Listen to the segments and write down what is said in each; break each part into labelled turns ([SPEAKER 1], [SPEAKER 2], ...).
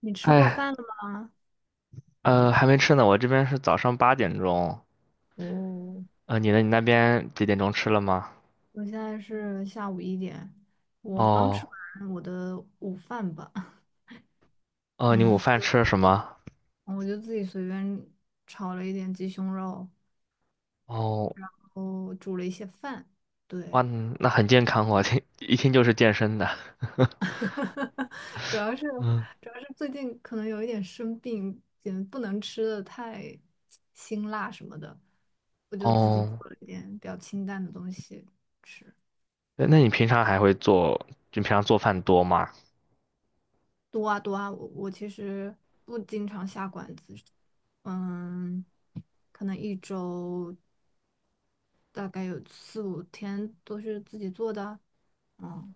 [SPEAKER 1] 你吃过
[SPEAKER 2] 哎，
[SPEAKER 1] 饭了吗？
[SPEAKER 2] 还没吃呢，我这边是早上8点钟。
[SPEAKER 1] 哦，
[SPEAKER 2] 你呢？你那边几点钟吃了吗？
[SPEAKER 1] 我现在是下午一点，我刚吃
[SPEAKER 2] 哦，
[SPEAKER 1] 完我的午饭吧。
[SPEAKER 2] 哦，你午
[SPEAKER 1] 嗯，吃
[SPEAKER 2] 饭
[SPEAKER 1] 了，
[SPEAKER 2] 吃了什么？
[SPEAKER 1] 我就自己随便炒了一点鸡胸肉，
[SPEAKER 2] 哦，
[SPEAKER 1] 然后煮了一些饭。
[SPEAKER 2] 哇，
[SPEAKER 1] 对，
[SPEAKER 2] 那很健康哦，听一听就是健身的。
[SPEAKER 1] 主要是
[SPEAKER 2] 嗯，
[SPEAKER 1] 主要是最近可能有一点生病，也不能吃的太辛辣什么的，我就自己
[SPEAKER 2] 哦，
[SPEAKER 1] 做了一点比较清淡的东西。吃。
[SPEAKER 2] 那你平常还会做？就平常做饭多吗？
[SPEAKER 1] 多啊多啊，我其实不经常下馆子，嗯，可能一周大概有四五天都是自己做的，嗯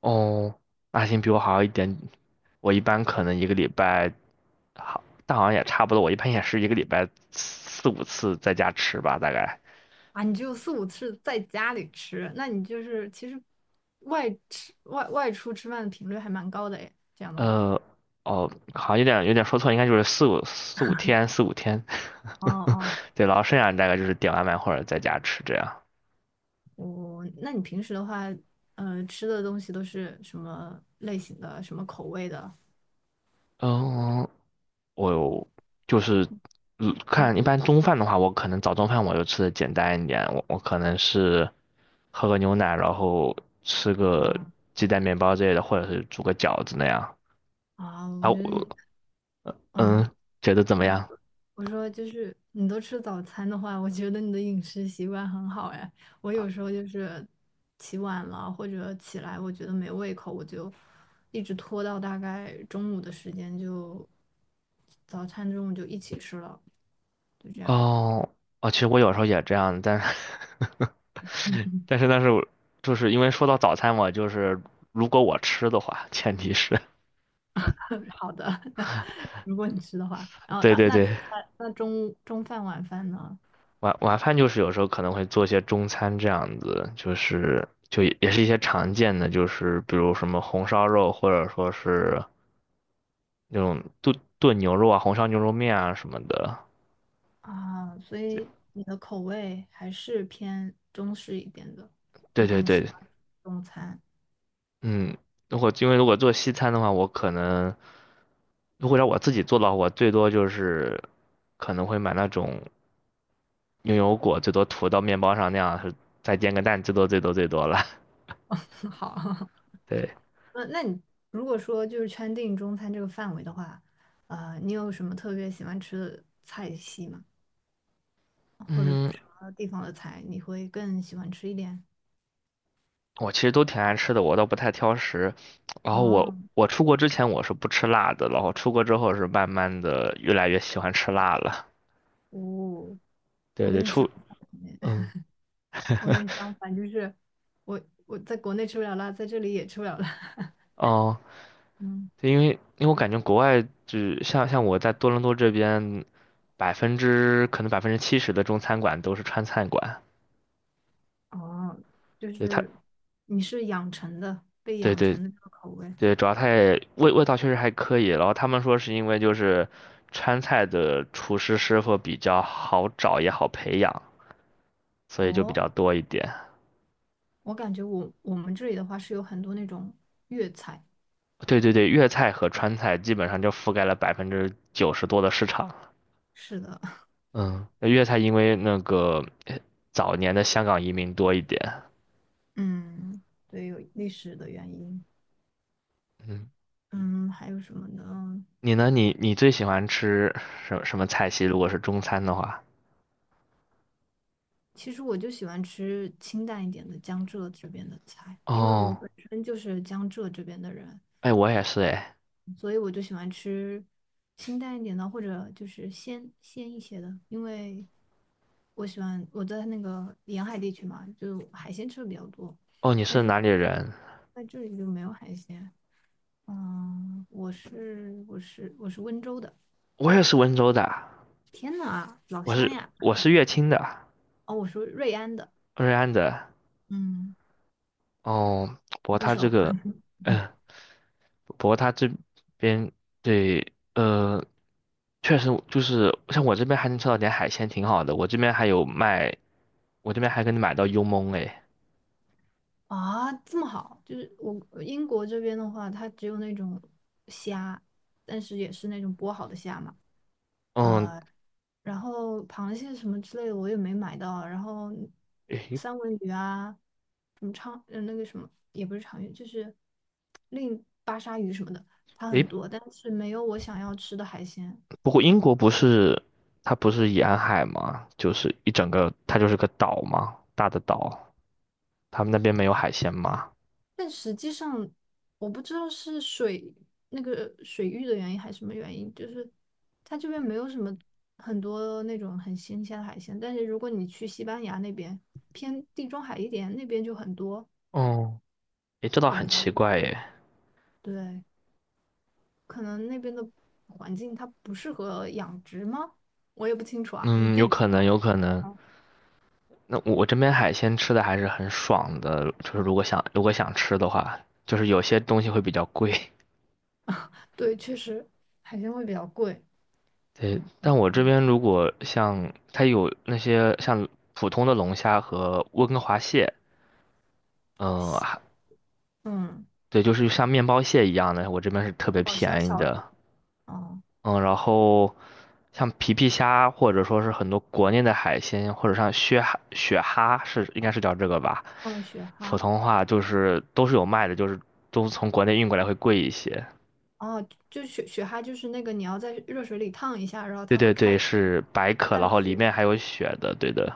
[SPEAKER 2] 哦，那行，比我好一点。我一般可能一个礼拜，好，但好像也差不多。我一般也是一个礼拜四五次在家吃吧，大概。
[SPEAKER 1] 啊，你只有四五次在家里吃，那你就是其实外出吃饭的频率还蛮高的诶，这样的话，
[SPEAKER 2] 呃，哦，好，像有点说错，应该就是四五天，四五天。
[SPEAKER 1] 哦 哦，
[SPEAKER 2] 对，然后剩下大概就是点外卖或者在家吃这样。
[SPEAKER 1] 那你平时的话，呃，吃的东西都是什么类型的，什么口味的？
[SPEAKER 2] 嗯，我有就是看一
[SPEAKER 1] 嗯
[SPEAKER 2] 般中饭的话，我可能早中饭我就吃的简单一点，我可能是喝个牛奶，然后吃个
[SPEAKER 1] 啊
[SPEAKER 2] 鸡蛋面包之类的，或者是煮个饺子那样。
[SPEAKER 1] 我
[SPEAKER 2] 啊，
[SPEAKER 1] 觉得你，嗯。
[SPEAKER 2] 嗯，觉得怎么
[SPEAKER 1] 我。
[SPEAKER 2] 样？
[SPEAKER 1] 我说就是你都吃早餐的话，我觉得你的饮食习惯很好哎。我有时候就是起晚了或者起来，我觉得没胃口，我就一直拖到大概中午的时间就早餐中午就一起吃了，就这样。
[SPEAKER 2] 哦，哦，其实我有时候也这样，但是 但是我就是因为说到早餐嘛，就是如果我吃的话，前提是
[SPEAKER 1] 好的，如果你吃的话，然 后
[SPEAKER 2] 对
[SPEAKER 1] 那
[SPEAKER 2] 对
[SPEAKER 1] 那
[SPEAKER 2] 对，
[SPEAKER 1] 那中午中饭晚饭呢？
[SPEAKER 2] 晚饭就是有时候可能会做一些中餐这样子，就是也是一些常见的，就是比如什么红烧肉，或者说是那种炖炖牛肉啊、红烧牛肉面啊什么的。
[SPEAKER 1] 啊，所以你的口味还是偏中式一点的，
[SPEAKER 2] 对
[SPEAKER 1] 你
[SPEAKER 2] 对
[SPEAKER 1] 更喜
[SPEAKER 2] 对，
[SPEAKER 1] 欢中餐。
[SPEAKER 2] 嗯，如果做西餐的话，我可能。如果让我自己做的话，我最多就是可能会买那种牛油果，最多涂到面包上那样，是再煎个蛋，最多最多最多了。
[SPEAKER 1] 好。
[SPEAKER 2] 对，
[SPEAKER 1] 那你如果说就是圈定中餐这个范围的话，呃，你有什么特别喜欢吃的菜系吗？或者
[SPEAKER 2] 嗯，
[SPEAKER 1] 什么地方的菜你会更喜欢吃一点？
[SPEAKER 2] 我其实都挺爱吃的，我倒不太挑食。然后我
[SPEAKER 1] 啊，
[SPEAKER 2] 我出国之前我是不吃辣的，然后出国之后是慢慢的越来越喜欢吃辣了。
[SPEAKER 1] 哦，
[SPEAKER 2] 对
[SPEAKER 1] 我
[SPEAKER 2] 对，
[SPEAKER 1] 跟你相反耶
[SPEAKER 2] 嗯
[SPEAKER 1] 我跟你相反，就是我我在国内吃不了辣，在这里也吃不了辣。
[SPEAKER 2] 哦，
[SPEAKER 1] 嗯，
[SPEAKER 2] 对，因为我感觉国外就像我在多伦多这边，70%的中餐馆都是川菜馆，
[SPEAKER 1] 哦，就
[SPEAKER 2] 对它。
[SPEAKER 1] 是你是养成的，被
[SPEAKER 2] 对
[SPEAKER 1] 养
[SPEAKER 2] 对
[SPEAKER 1] 成的这个口味。
[SPEAKER 2] 对，主要它也味道确实还可以，然后他们说是因为就是川菜的厨师师傅比较好找也好培养，所以就比
[SPEAKER 1] 哦，
[SPEAKER 2] 较多一点。
[SPEAKER 1] 我感觉我们这里的话是有很多那种粤菜。
[SPEAKER 2] 对对对，粤菜和川菜基本上就覆盖了90%多的市场。
[SPEAKER 1] 是的。
[SPEAKER 2] 嗯，那粤菜因为那个早年的香港移民多一点。
[SPEAKER 1] 嗯，对，有历史的原因。
[SPEAKER 2] 嗯，
[SPEAKER 1] 嗯，还有什么呢？
[SPEAKER 2] 你呢？你最喜欢吃什么菜系？如果是中餐的话，
[SPEAKER 1] 其实我就喜欢吃清淡一点的江浙这边的菜，因为我
[SPEAKER 2] 哦，
[SPEAKER 1] 本身就是江浙这边的人，
[SPEAKER 2] 哎，我也是哎，
[SPEAKER 1] 所以我就喜欢吃清淡一点的，或者就是鲜鲜一些的，因为我喜欢我在那个沿海地区嘛，就海鲜吃的比较多，
[SPEAKER 2] 哦，你是哪里人？
[SPEAKER 1] 在这里就没有海鲜。嗯，我是温州的，
[SPEAKER 2] 我也是温州的。
[SPEAKER 1] 天呐，老
[SPEAKER 2] 我
[SPEAKER 1] 乡
[SPEAKER 2] 是
[SPEAKER 1] 呀！
[SPEAKER 2] 我是乐清的，
[SPEAKER 1] 哦，我是瑞安的。
[SPEAKER 2] 瑞安的。
[SPEAKER 1] 嗯。
[SPEAKER 2] 哦，不过
[SPEAKER 1] 不
[SPEAKER 2] 他这
[SPEAKER 1] 熟。
[SPEAKER 2] 个，嗯、不过他这边对，确实就是像我这边还能吃到点海鲜，挺好的。我这边还有卖，我这边还给你买到幽焖哎。
[SPEAKER 1] 啊，这么好，就是我呃英国这边的话，它只有那种虾，但是也是那种剥好的虾嘛，
[SPEAKER 2] 嗯，
[SPEAKER 1] 呃，然后螃蟹什么之类的我也没买到，然后
[SPEAKER 2] 诶
[SPEAKER 1] 三文鱼啊，什么长，呃，那个什么也不是长鱼，就是另巴沙鱼什么的，它
[SPEAKER 2] 诶，
[SPEAKER 1] 很多，但是没有我想要吃的海鲜。
[SPEAKER 2] 不过英国不是它不是沿海吗？就是一整个它就是个岛嘛，大的岛。他们那边没有海鲜吗？
[SPEAKER 1] 但实际上，我不知道是那个水域的原因还是什么原因，就是它这边没有什么很多那种很新鲜的海鲜。但是如果你去西班牙那边，偏地中海一点，那边就很多。
[SPEAKER 2] 哦，诶，这倒
[SPEAKER 1] 我不
[SPEAKER 2] 很
[SPEAKER 1] 知道
[SPEAKER 2] 奇
[SPEAKER 1] 为
[SPEAKER 2] 怪
[SPEAKER 1] 什么，
[SPEAKER 2] 耶。
[SPEAKER 1] 对，可能那边的环境它不适合养殖吗？我也不清楚啊，因为
[SPEAKER 2] 嗯，有
[SPEAKER 1] 地理不
[SPEAKER 2] 可
[SPEAKER 1] 太。
[SPEAKER 2] 能，有可能。
[SPEAKER 1] 好。
[SPEAKER 2] 那我这边海鲜吃的还是很爽的，就是如果想吃的话，就是有些东西会比较贵。
[SPEAKER 1] 对，确实海鲜会比较贵。
[SPEAKER 2] 对，但我这边如果像它有那些像普通的龙虾和温哥华蟹，嗯，还
[SPEAKER 1] 嗯，
[SPEAKER 2] 对，就是像面包蟹一样的，我这边是特别
[SPEAKER 1] 哦，小
[SPEAKER 2] 便宜
[SPEAKER 1] 小的，
[SPEAKER 2] 的。
[SPEAKER 1] 哦，
[SPEAKER 2] 嗯，然后像皮皮虾或者说是很多国内的海鲜，或者像雪蛤、雪蛤应该是叫这个吧，
[SPEAKER 1] 嗯，雪
[SPEAKER 2] 普
[SPEAKER 1] 蛤。
[SPEAKER 2] 通话就是都是有卖的，就是都从国内运过来会贵一些。
[SPEAKER 1] 哦，就雪蛤就是那个你要在热水里烫一下，然后
[SPEAKER 2] 对
[SPEAKER 1] 它会
[SPEAKER 2] 对
[SPEAKER 1] 开，
[SPEAKER 2] 对，是白
[SPEAKER 1] 它
[SPEAKER 2] 壳，然
[SPEAKER 1] 带
[SPEAKER 2] 后里
[SPEAKER 1] 血。
[SPEAKER 2] 面还有血的，对的。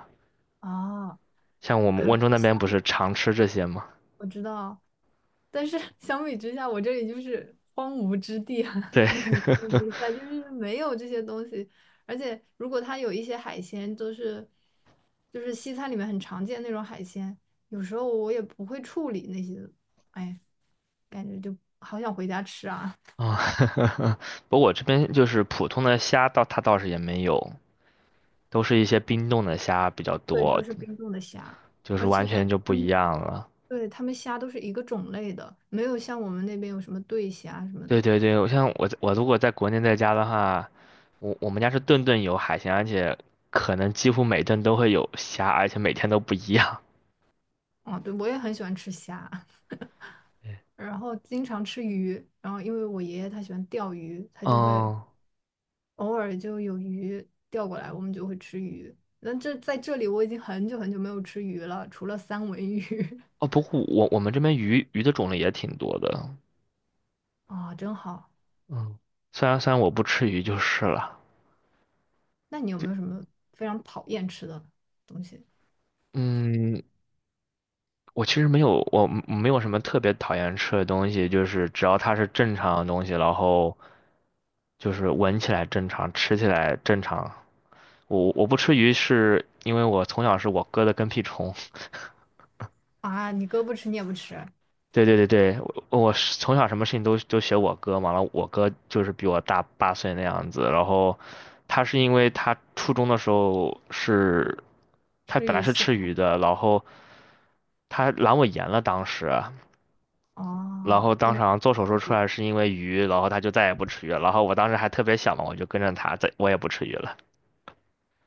[SPEAKER 1] 哦，
[SPEAKER 2] 像我们
[SPEAKER 1] 啊，
[SPEAKER 2] 温州
[SPEAKER 1] 那
[SPEAKER 2] 那边
[SPEAKER 1] 相
[SPEAKER 2] 不
[SPEAKER 1] 比
[SPEAKER 2] 是常吃这些吗？
[SPEAKER 1] 我知道，但是 相比之下，我这里就是荒芜之地啊，
[SPEAKER 2] 对，
[SPEAKER 1] 跟你这个比赛就是没有这些东西，而且如果它有一些海鲜，都是就是西餐里面很常见那种海鲜，有时候我也不会处理那些，哎，感觉就好想回家吃啊。
[SPEAKER 2] 啊，不过我这边就是普通的虾倒它倒是也没有，都是一些冰冻的虾比较
[SPEAKER 1] 对，都
[SPEAKER 2] 多，
[SPEAKER 1] 是冰冻的虾，
[SPEAKER 2] 就是
[SPEAKER 1] 而
[SPEAKER 2] 完
[SPEAKER 1] 且感
[SPEAKER 2] 全
[SPEAKER 1] 觉
[SPEAKER 2] 就不
[SPEAKER 1] 他
[SPEAKER 2] 一
[SPEAKER 1] 们。
[SPEAKER 2] 样了。
[SPEAKER 1] 对，他们虾都是一个种类的，没有像我们那边有什么对虾什么
[SPEAKER 2] 对
[SPEAKER 1] 的。
[SPEAKER 2] 对对，像我如果在国内在家的话，我们家是顿顿有海鲜，而且可能几乎每顿都会有虾，而且每天都不一样。
[SPEAKER 1] 哦，对，我也很喜欢吃虾，
[SPEAKER 2] 嗯，
[SPEAKER 1] 然后经常吃鱼，然后因为我爷爷他喜欢钓鱼，他就会
[SPEAKER 2] 哦，
[SPEAKER 1] 偶尔就有鱼钓过来，我们就会吃鱼。那这在这里我已经很久很久没有吃鱼了，除了三文鱼
[SPEAKER 2] 哦不过我们这边鱼的种类也挺多的，
[SPEAKER 1] 啊，真好。
[SPEAKER 2] 嗯，虽然我不吃鱼就是了。
[SPEAKER 1] 那你有没有什么非常讨厌吃的东西
[SPEAKER 2] 嗯，我其实没有，我没有什么特别讨厌吃的东西，就是只要它是正常的东西，然后就是闻起来正常，吃起来正常。我不吃鱼是因为我从小是我哥的跟屁虫。
[SPEAKER 1] 啊？你哥不吃，你也不吃，
[SPEAKER 2] 对对对对，我是从小什么事情都学我哥嘛，然后我哥就是比我大8岁那样子，然后他是因为他初中的时候是，他
[SPEAKER 1] 吃
[SPEAKER 2] 本来
[SPEAKER 1] 鱼
[SPEAKER 2] 是
[SPEAKER 1] 刺
[SPEAKER 2] 吃
[SPEAKER 1] 卡
[SPEAKER 2] 鱼的，然后他阑尾炎了当时，然
[SPEAKER 1] 哦。
[SPEAKER 2] 后
[SPEAKER 1] 因
[SPEAKER 2] 当时
[SPEAKER 1] 为
[SPEAKER 2] 好像做手术出来是因为鱼，然后他就再也不吃鱼了，然后我当时还特别小嘛，我就跟着他，在我也不吃鱼了。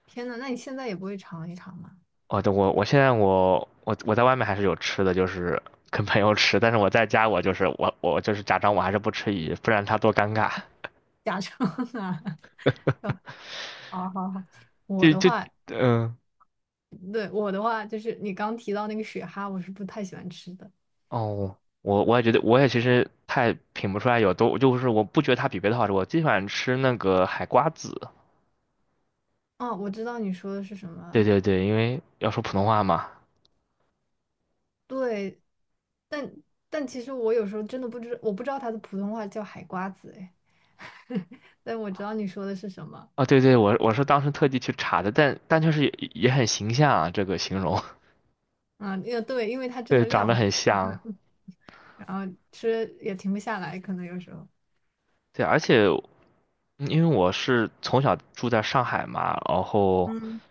[SPEAKER 1] 天呐，那你现在也不会尝一尝吗？
[SPEAKER 2] 哦，对，我现在我在外面还是有吃的，就是跟朋友吃，但是我在家我就是假装我还是不吃鱼，不然他多尴尬。
[SPEAKER 1] 假装啊，哦好好好，我
[SPEAKER 2] 就
[SPEAKER 1] 的
[SPEAKER 2] 就
[SPEAKER 1] 话，
[SPEAKER 2] 嗯、
[SPEAKER 1] 对，我的话就是你刚提到那个雪蛤，我是不太喜欢吃的。
[SPEAKER 2] 哦，我也觉得，我也其实太品不出来有多，就是我不觉得它比别的好吃。我最喜欢吃那个海瓜子。
[SPEAKER 1] 哦，我知道你说的是什
[SPEAKER 2] 对
[SPEAKER 1] 么，
[SPEAKER 2] 对对，因为要说普通话嘛。
[SPEAKER 1] 对，但但其实我有时候真的不知，我不知道它的普通话叫海瓜子，哎，但我知道你说的是什么。
[SPEAKER 2] 啊、对对，我是当时特地去查的，但确实也很形象啊，这个形容，
[SPEAKER 1] 啊，也对，因为它 真的
[SPEAKER 2] 对，长
[SPEAKER 1] 量
[SPEAKER 2] 得
[SPEAKER 1] 很大，
[SPEAKER 2] 很像。
[SPEAKER 1] 然后吃也停不下来，可能有时候。
[SPEAKER 2] 对，而且因为我是从小住在上海嘛，然后
[SPEAKER 1] 嗯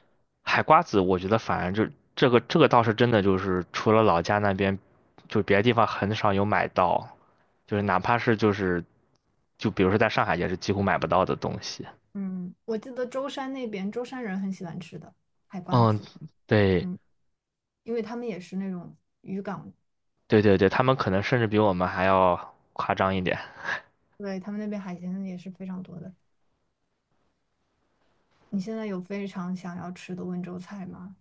[SPEAKER 2] 海瓜子，我觉得反正就这个倒是真的，就是除了老家那边，就别的地方很少有买到。就是哪怕是就是，就比如说在上海也是几乎买不到的东西。
[SPEAKER 1] 嗯，我记得舟山那边舟山人很喜欢吃的海瓜
[SPEAKER 2] 嗯，
[SPEAKER 1] 子，
[SPEAKER 2] 对
[SPEAKER 1] 嗯，因为他们也是那种渔港。
[SPEAKER 2] 对对对，他们可能甚至比我们还要夸张一点。
[SPEAKER 1] 对，他们那边海鲜也是非常多的。你现在有非常想要吃的温州菜吗？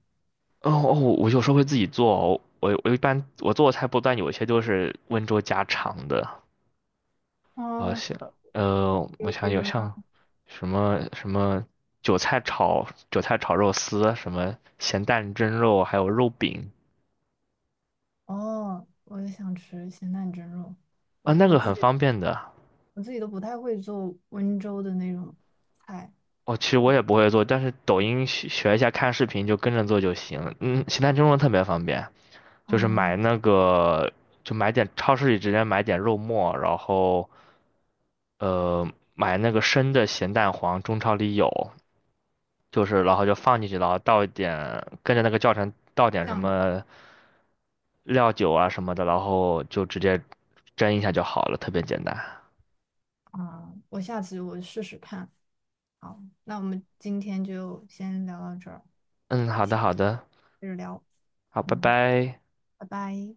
[SPEAKER 2] 哦哦，我有时候会自己做哦我一般我做的菜不但有些都是温州家常的，啊
[SPEAKER 1] 哦，比
[SPEAKER 2] 我
[SPEAKER 1] 如比
[SPEAKER 2] 想有
[SPEAKER 1] 如呢？
[SPEAKER 2] 像什么什么韭菜炒肉丝，什么咸蛋蒸肉，还有肉饼
[SPEAKER 1] 哦，我也想吃咸蛋蒸肉。
[SPEAKER 2] 啊，
[SPEAKER 1] 我
[SPEAKER 2] 那
[SPEAKER 1] 我
[SPEAKER 2] 个
[SPEAKER 1] 自
[SPEAKER 2] 很
[SPEAKER 1] 己
[SPEAKER 2] 方便的。
[SPEAKER 1] 我自己都不太会做温州的那种菜。
[SPEAKER 2] 哦，其实我也不会做，但是抖音学学一下，看视频就跟着做就行。嗯，形态蒸笼特别方便，就是买
[SPEAKER 1] 嗯，
[SPEAKER 2] 那个，就买点超市里直接买点肉末，然后呃买那个生的咸蛋黄，中超里有，就是然后就放进去，然后倒一点，跟着那个教程倒点什
[SPEAKER 1] 酱油。
[SPEAKER 2] 么料酒啊什么的，然后就直接蒸一下就好了，特别简单。
[SPEAKER 1] 嗯，我下次我试试看。好，那我们今天就先聊到这儿，
[SPEAKER 2] 嗯，好的
[SPEAKER 1] 下次
[SPEAKER 2] 好的，
[SPEAKER 1] 接着聊。
[SPEAKER 2] 好，拜
[SPEAKER 1] 嗯，
[SPEAKER 2] 拜。
[SPEAKER 1] 拜拜。